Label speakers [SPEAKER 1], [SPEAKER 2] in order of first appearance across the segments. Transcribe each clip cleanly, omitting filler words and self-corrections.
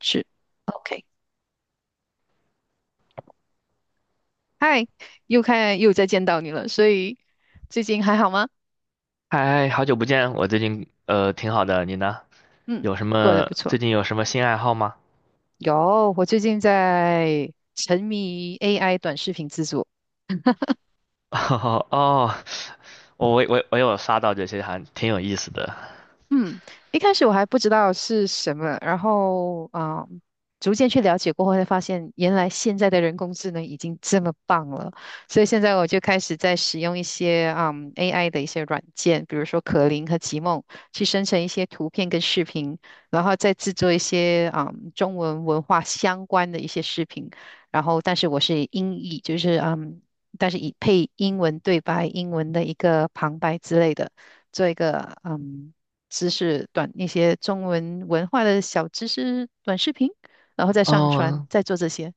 [SPEAKER 1] 是，OK，嗨，又再见到你了，所以最近还好吗？
[SPEAKER 2] 嗨，好久不见，我最近挺好的，你呢？
[SPEAKER 1] 嗯，
[SPEAKER 2] 有什
[SPEAKER 1] 过得
[SPEAKER 2] 么
[SPEAKER 1] 不错。
[SPEAKER 2] 最近有什么新爱好吗？
[SPEAKER 1] 有，我最近在沉迷 AI 短视频制作。
[SPEAKER 2] 哈哈哦，我有刷到这些，还挺有意思的。
[SPEAKER 1] 嗯，一开始我还不知道是什么，然后逐渐去了解过后，才发现原来现在的人工智能已经这么棒了。所以现在我就开始在使用一些AI 的一些软件，比如说可灵和极梦，去生成一些图片跟视频，然后再制作一些中文文化相关的一些视频。然后，但是我是英译，就是但是以配英文对白、英文的一个旁白之类的。做一个知识短那些中文文化的小知识短视频，然后再上传，
[SPEAKER 2] 哦，
[SPEAKER 1] 再做这些。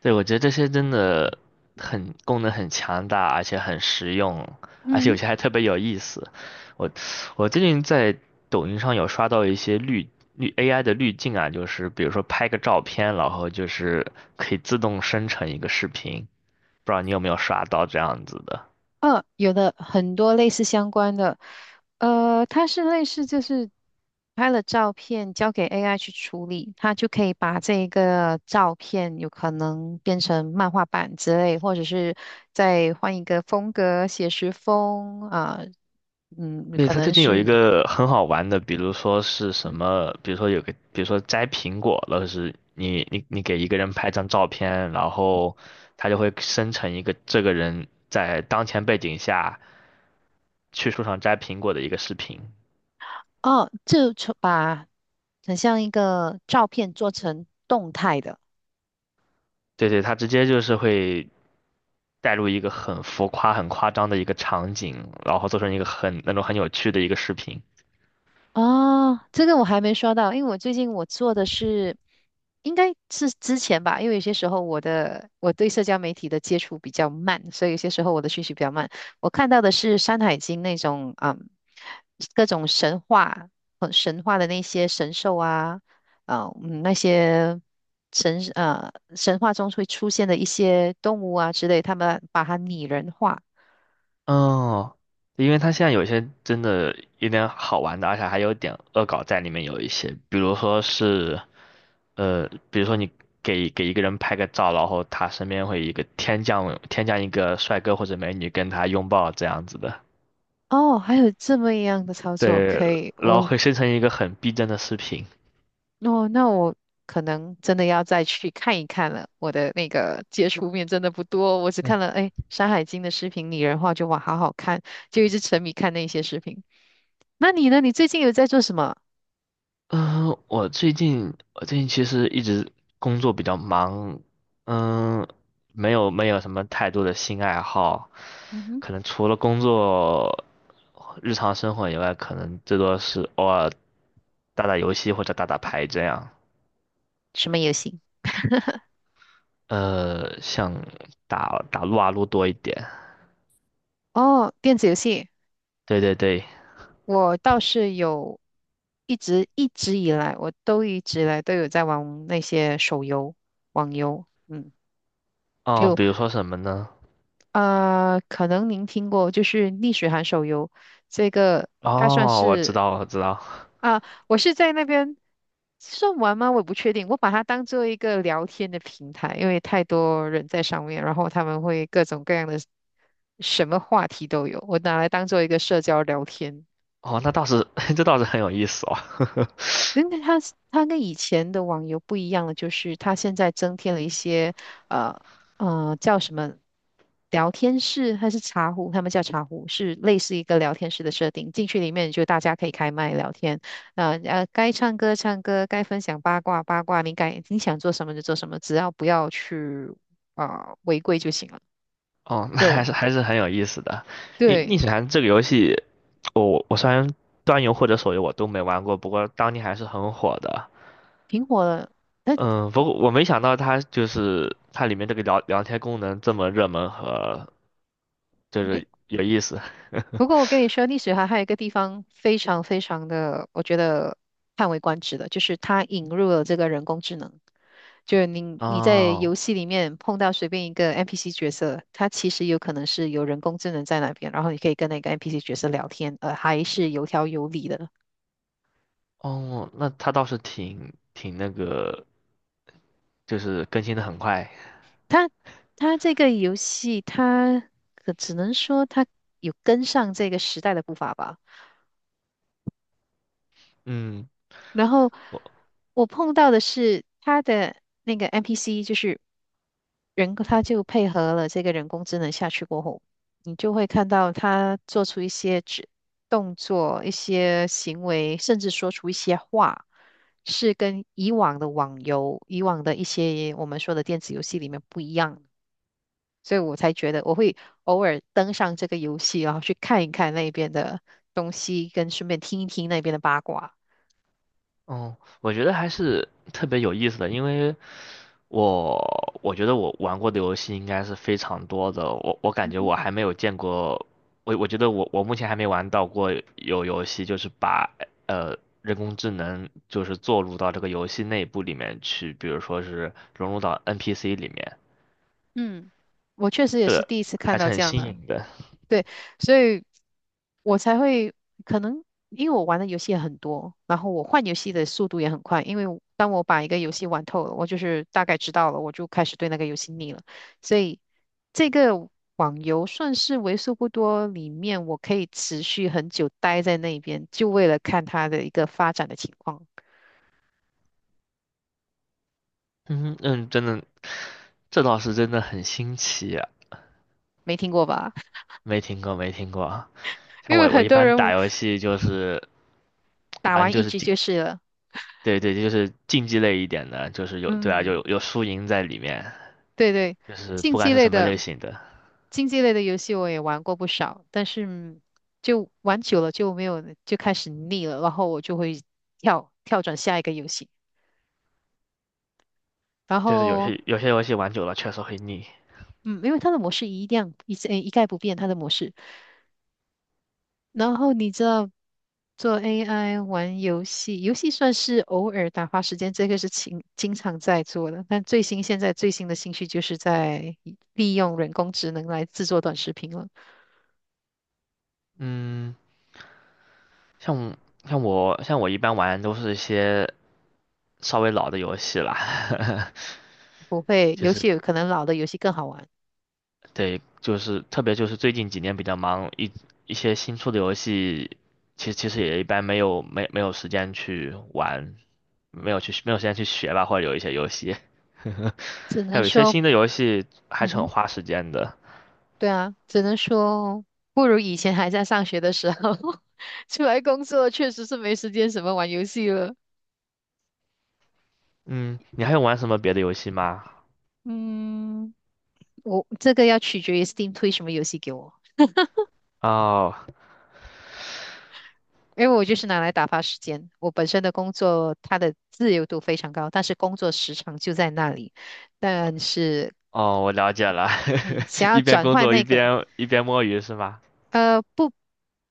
[SPEAKER 2] 对，我觉得这些真的很功能很强大，而且很实用，而且
[SPEAKER 1] 嗯，
[SPEAKER 2] 有些还特别有意思。我我最近在抖音上有刷到一些AI 的滤镜啊，就是比如说拍个照片，然后就是可以自动生成一个视频，不知道你有没有刷到这样子的？
[SPEAKER 1] 有的很多类似相关的，它是类似就是拍了照片交给 AI 去处理，它就可以把这个照片有可能变成漫画版之类，或者是再换一个风格，写实风啊，嗯，
[SPEAKER 2] 对，
[SPEAKER 1] 可
[SPEAKER 2] 它最
[SPEAKER 1] 能
[SPEAKER 2] 近有一
[SPEAKER 1] 是。
[SPEAKER 2] 个很好玩的，比如说是什
[SPEAKER 1] 嗯
[SPEAKER 2] 么，比如说有个，比如说摘苹果了，是你给一个人拍张照片，然后他就会生成一个这个人在当前背景下去树上摘苹果的一个视频。
[SPEAKER 1] 哦，把很像一个照片做成动态的。
[SPEAKER 2] 对对，他直接就是会带入一个很浮夸、很夸张的一个场景，然后做成一个很那种很有趣的一个视频。
[SPEAKER 1] 哦，这个我还没刷到，因为我最近我做的是，应该是之前吧，因为有些时候我对社交媒体的接触比较慢，所以有些时候我的讯息比较慢。我看到的是《山海经》那种，嗯，各种神话，神话的那些神兽啊，那些神话中会出现的一些动物啊之类，他们把它拟人化。
[SPEAKER 2] 哦，因为他现在有些真的有点好玩的，而且还有点恶搞在里面，有一些，比如说是比如说你给一个人拍个照，然后他身边会有一个天降一个帅哥或者美女跟他拥抱这样子的，
[SPEAKER 1] 哦，还有这么一样的操作，
[SPEAKER 2] 对，
[SPEAKER 1] 可以，
[SPEAKER 2] 然后会生成一个很逼真的视频。
[SPEAKER 1] 哦，那我可能真的要再去看一看了。我的那个接触面真的不多，我只看了哎《山海经》的视频，拟人化就哇好好看，就一直沉迷看那些视频。那你呢？你最近有在做什么？
[SPEAKER 2] 嗯，我最近其实一直工作比较忙，嗯，没有什么太多的新爱好，
[SPEAKER 1] 嗯哼，
[SPEAKER 2] 可能除了工作，日常生活以外，可能最多是偶尔打打游戏或者打打牌这样。
[SPEAKER 1] 什么游戏？
[SPEAKER 2] 像打打撸啊撸多一点。
[SPEAKER 1] 哦，电子游戏，
[SPEAKER 2] 对对对，
[SPEAKER 1] 我倒是有一直一直以来，我都一直以来都有在玩那些手游、网游。嗯，
[SPEAKER 2] 哦，比如说什么呢？
[SPEAKER 1] 可能您听过，就是逆水寒手游，这个它算
[SPEAKER 2] 哦，我知
[SPEAKER 1] 是。
[SPEAKER 2] 道我知道，
[SPEAKER 1] 啊，我是在那边算玩吗？我也不确定。我把它当做一个聊天的平台，因为太多人在上面，然后他们会各种各样的什么话题都有，我拿来当做一个社交聊天。
[SPEAKER 2] 哦，那倒是 这倒是很有意思哦。
[SPEAKER 1] 那个 它跟以前的网游不一样的，就是它现在增添了一些呃叫什么聊天室还是茶壶，他们叫茶壶，是类似一个聊天室的设定。进去里面就大家可以开麦聊天，那该唱歌唱歌，该分享八卦八卦，你该你想做什么就做什么，只要不要去违规就行了。
[SPEAKER 2] 哦，那
[SPEAKER 1] 对
[SPEAKER 2] 还是还是很有意思的。逆逆
[SPEAKER 1] 对，
[SPEAKER 2] 水寒这个游戏，我虽然端游或者手游我都没玩过，不过当年还是很火的。
[SPEAKER 1] 挺火的。它
[SPEAKER 2] 嗯，不过我没想到它就是它里面这个聊天功能这么热门和就是有意思。
[SPEAKER 1] 不 过我跟你说，历史还有一个地方非常非常的，我觉得叹为观止的，就是它引入了这个人工智能。就是你在游
[SPEAKER 2] 哦
[SPEAKER 1] 戏里面碰到随便一个 NPC 角色，它其实有可能是有人工智能在那边，然后你可以跟那个 NPC 角色聊天，还是有条有理的。
[SPEAKER 2] 哦,那它倒是挺挺那个，就是更新的很快。
[SPEAKER 1] 它它这个游戏，它只能说它有跟上这个时代的步伐吧。
[SPEAKER 2] 嗯。
[SPEAKER 1] 然后
[SPEAKER 2] 我。
[SPEAKER 1] 我碰到的是他的那个 NPC，就是人他就配合了这个人工智能下去过后，你就会看到他做出一些动作、一些行为，甚至说出一些话，是跟以往的网游、以往的一些我们说的电子游戏里面不一样的，所以我才觉得我会偶尔登上这个游戏，然后去看一看那边的东西，跟顺便听一听那边的八卦。
[SPEAKER 2] 哦，我觉得还是特别有意思的，因为我我觉得我玩过的游戏应该是非常多的，我感觉我还没有见过，我觉得我目前还没玩到过有游戏就是把呃人工智能就是做入到这个游戏内部里面去，比如说是融入到 NPC 里面，
[SPEAKER 1] 嗯，我确实也是第一次看
[SPEAKER 2] 还是
[SPEAKER 1] 到
[SPEAKER 2] 很
[SPEAKER 1] 这样
[SPEAKER 2] 新
[SPEAKER 1] 的，
[SPEAKER 2] 颖的。
[SPEAKER 1] 对，所以我才会可能因为我玩的游戏也很多，然后我换游戏的速度也很快，因为当我把一个游戏玩透了，我就是大概知道了，我就开始对那个游戏腻了，所以这个网游算是为数不多里面我可以持续很久待在那边，就为了看它的一个发展的情况，
[SPEAKER 2] 嗯嗯，真的，这倒是真的很新奇啊，
[SPEAKER 1] 没听过吧？
[SPEAKER 2] 没听过啊。像
[SPEAKER 1] 因为
[SPEAKER 2] 我
[SPEAKER 1] 很
[SPEAKER 2] 一
[SPEAKER 1] 多
[SPEAKER 2] 般打
[SPEAKER 1] 人
[SPEAKER 2] 游戏就是
[SPEAKER 1] 打
[SPEAKER 2] 玩
[SPEAKER 1] 完
[SPEAKER 2] 就
[SPEAKER 1] 一
[SPEAKER 2] 是
[SPEAKER 1] 局
[SPEAKER 2] 竞。
[SPEAKER 1] 就是了，
[SPEAKER 2] 对对，就是竞技类一点的，就是有，对啊，
[SPEAKER 1] 嗯，
[SPEAKER 2] 有有输赢在里面，
[SPEAKER 1] 对对。
[SPEAKER 2] 就是
[SPEAKER 1] 竞
[SPEAKER 2] 不管
[SPEAKER 1] 技
[SPEAKER 2] 是
[SPEAKER 1] 类
[SPEAKER 2] 什么
[SPEAKER 1] 的。
[SPEAKER 2] 类型的，
[SPEAKER 1] 竞技类的游戏我也玩过不少，但是就玩久了就没有，就开始腻了，然后我就会转下一个游戏。然
[SPEAKER 2] 就是有
[SPEAKER 1] 后，
[SPEAKER 2] 些有些游戏玩久了确实会腻。
[SPEAKER 1] 嗯，因为它的模式一样一直一概不变，它的模式。然后你知道，做 AI 玩游戏，游戏算是偶尔打发时间，这个是经常在做的。但现在最新的兴趣就是在利用人工智能来制作短视频了。
[SPEAKER 2] 嗯，像像我一般玩都是一些稍微老的游戏啦，
[SPEAKER 1] 不会，
[SPEAKER 2] 就
[SPEAKER 1] 游
[SPEAKER 2] 是
[SPEAKER 1] 戏有可能老的游戏更好玩，
[SPEAKER 2] 对，就是特别就是最近几年比较忙，一些新出的游戏，其实也一般没有时间去玩，没有时间去学吧，或者有一些游戏。
[SPEAKER 1] 只
[SPEAKER 2] 还
[SPEAKER 1] 能
[SPEAKER 2] 有一些
[SPEAKER 1] 说。
[SPEAKER 2] 新的游戏还
[SPEAKER 1] 嗯
[SPEAKER 2] 是很
[SPEAKER 1] 哼。
[SPEAKER 2] 花时间的。
[SPEAKER 1] 对啊，只能说不如以前还在上学的时候，出来工作确实是没时间什么玩游戏了。
[SPEAKER 2] 嗯，你还有玩什么别的游戏吗？
[SPEAKER 1] 嗯，我这个要取决于 Steam 推什么游戏给我，
[SPEAKER 2] 哦
[SPEAKER 1] 因为我就是拿来打发时间。我本身的工作它的自由度非常高，但是工作时长就在那里。但是，
[SPEAKER 2] 哦，我了解了，
[SPEAKER 1] 嗯，想 要
[SPEAKER 2] 一边
[SPEAKER 1] 转
[SPEAKER 2] 工
[SPEAKER 1] 换
[SPEAKER 2] 作一
[SPEAKER 1] 那个。
[SPEAKER 2] 边一边摸鱼是吗？
[SPEAKER 1] 不，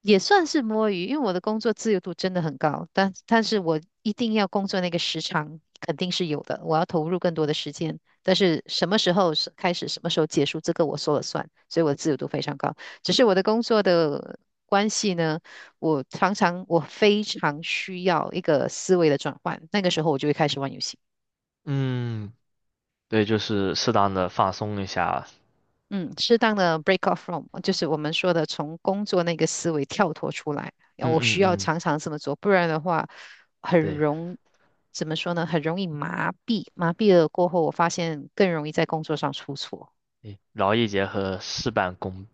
[SPEAKER 1] 也算是摸鱼，因为我的工作自由度真的很高，但是我一定要工作那个时长肯定是有的，我要投入更多的时间，但是什么时候是开始，什么时候结束，这个我说了算，所以我的自由度非常高。只是我的工作的关系呢，我非常需要一个思维的转换，那个时候我就会开始玩游戏。
[SPEAKER 2] 嗯，对，就是适当的放松一下。
[SPEAKER 1] 嗯，适当的 break off from，就是我们说的从工作那个思维跳脱出来。然后
[SPEAKER 2] 嗯
[SPEAKER 1] 我需
[SPEAKER 2] 嗯
[SPEAKER 1] 要
[SPEAKER 2] 嗯，
[SPEAKER 1] 常常这么做，不然的话，很
[SPEAKER 2] 对，
[SPEAKER 1] 容，怎么说呢？很容易麻痹，麻痹了过后，我发现更容易在工作上出错。
[SPEAKER 2] 诶劳逸结合，事半功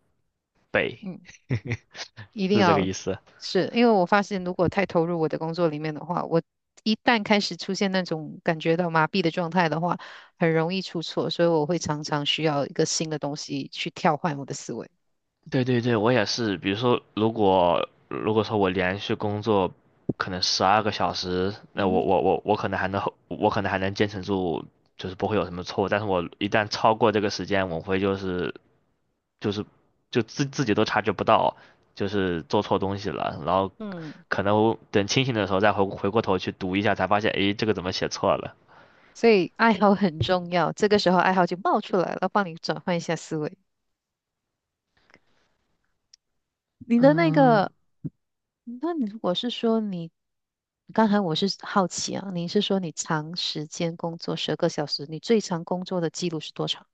[SPEAKER 2] 倍，
[SPEAKER 1] 嗯，一定
[SPEAKER 2] 是这个
[SPEAKER 1] 要。
[SPEAKER 2] 意思。
[SPEAKER 1] 是因为我发现，如果太投入我的工作里面的话，我一旦开始出现那种感觉到麻痹的状态的话，很容易出错，所以我会常常需要一个新的东西去跳换我的思维。
[SPEAKER 2] 对对对，我也是。比如说，如果说我连续工作可能12个小时，那
[SPEAKER 1] 嗯
[SPEAKER 2] 我
[SPEAKER 1] 哼。
[SPEAKER 2] 我我我可能还能我可能还能坚持住，就是不会有什么错误。但是我一旦超过这个时间，我会就是就是就自己都察觉不到，就是做错东西了。然后
[SPEAKER 1] 嗯。
[SPEAKER 2] 可能等清醒的时候再回过头去读一下，才发现，诶，这个怎么写错了？
[SPEAKER 1] 所以爱好很重要，这个时候爱好就冒出来了，帮你转换一下思维。你的那
[SPEAKER 2] 嗯，
[SPEAKER 1] 个，那你如果是说你，刚才我是好奇啊，你是说你长时间工作10个小时，你最长工作的记录是多长？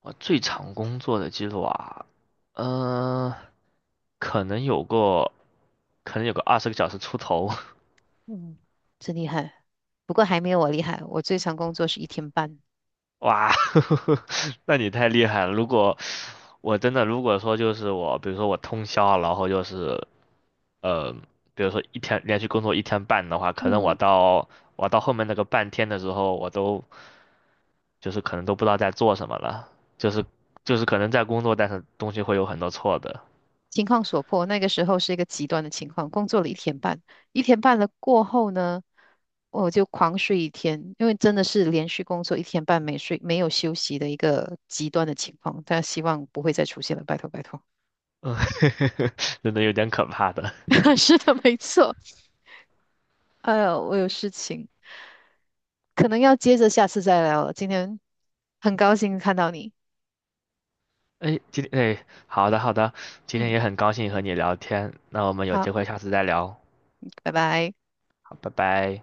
[SPEAKER 2] 我最长工作的记录啊，嗯、可能有过可能有个20个小时出头。
[SPEAKER 1] 嗯，真厉害，不过还没有我厉害，我最长工作是一天半。
[SPEAKER 2] 哇，那你太厉害了！如果我真的如果说就是我，比如说我通宵啊，然后就是呃，比如说一天连续工作一天半的话，可能
[SPEAKER 1] 嗯。
[SPEAKER 2] 我到后面那个半天的时候，我都就是可能都不知道在做什么了，就是就是可能在工作，但是东西会有很多错的，
[SPEAKER 1] 情况所迫，那个时候是一个极端的情况，工作了一天半，一天半了过后呢，我就狂睡一天，因为真的是连续工作一天半没睡，没有休息的一个极端的情况，但希望不会再出现了，拜托拜托。
[SPEAKER 2] 嗯，真的有点可怕的。
[SPEAKER 1] 是的，没错。哎呦，我有事情，可能要接着下次再聊了。今天很高兴看到你，
[SPEAKER 2] 哎，今天哎，好的好的，今天
[SPEAKER 1] 嗯，
[SPEAKER 2] 也很高兴和你聊天，那我们有
[SPEAKER 1] 好，
[SPEAKER 2] 机会下次再聊，
[SPEAKER 1] 拜拜。
[SPEAKER 2] 好，拜拜。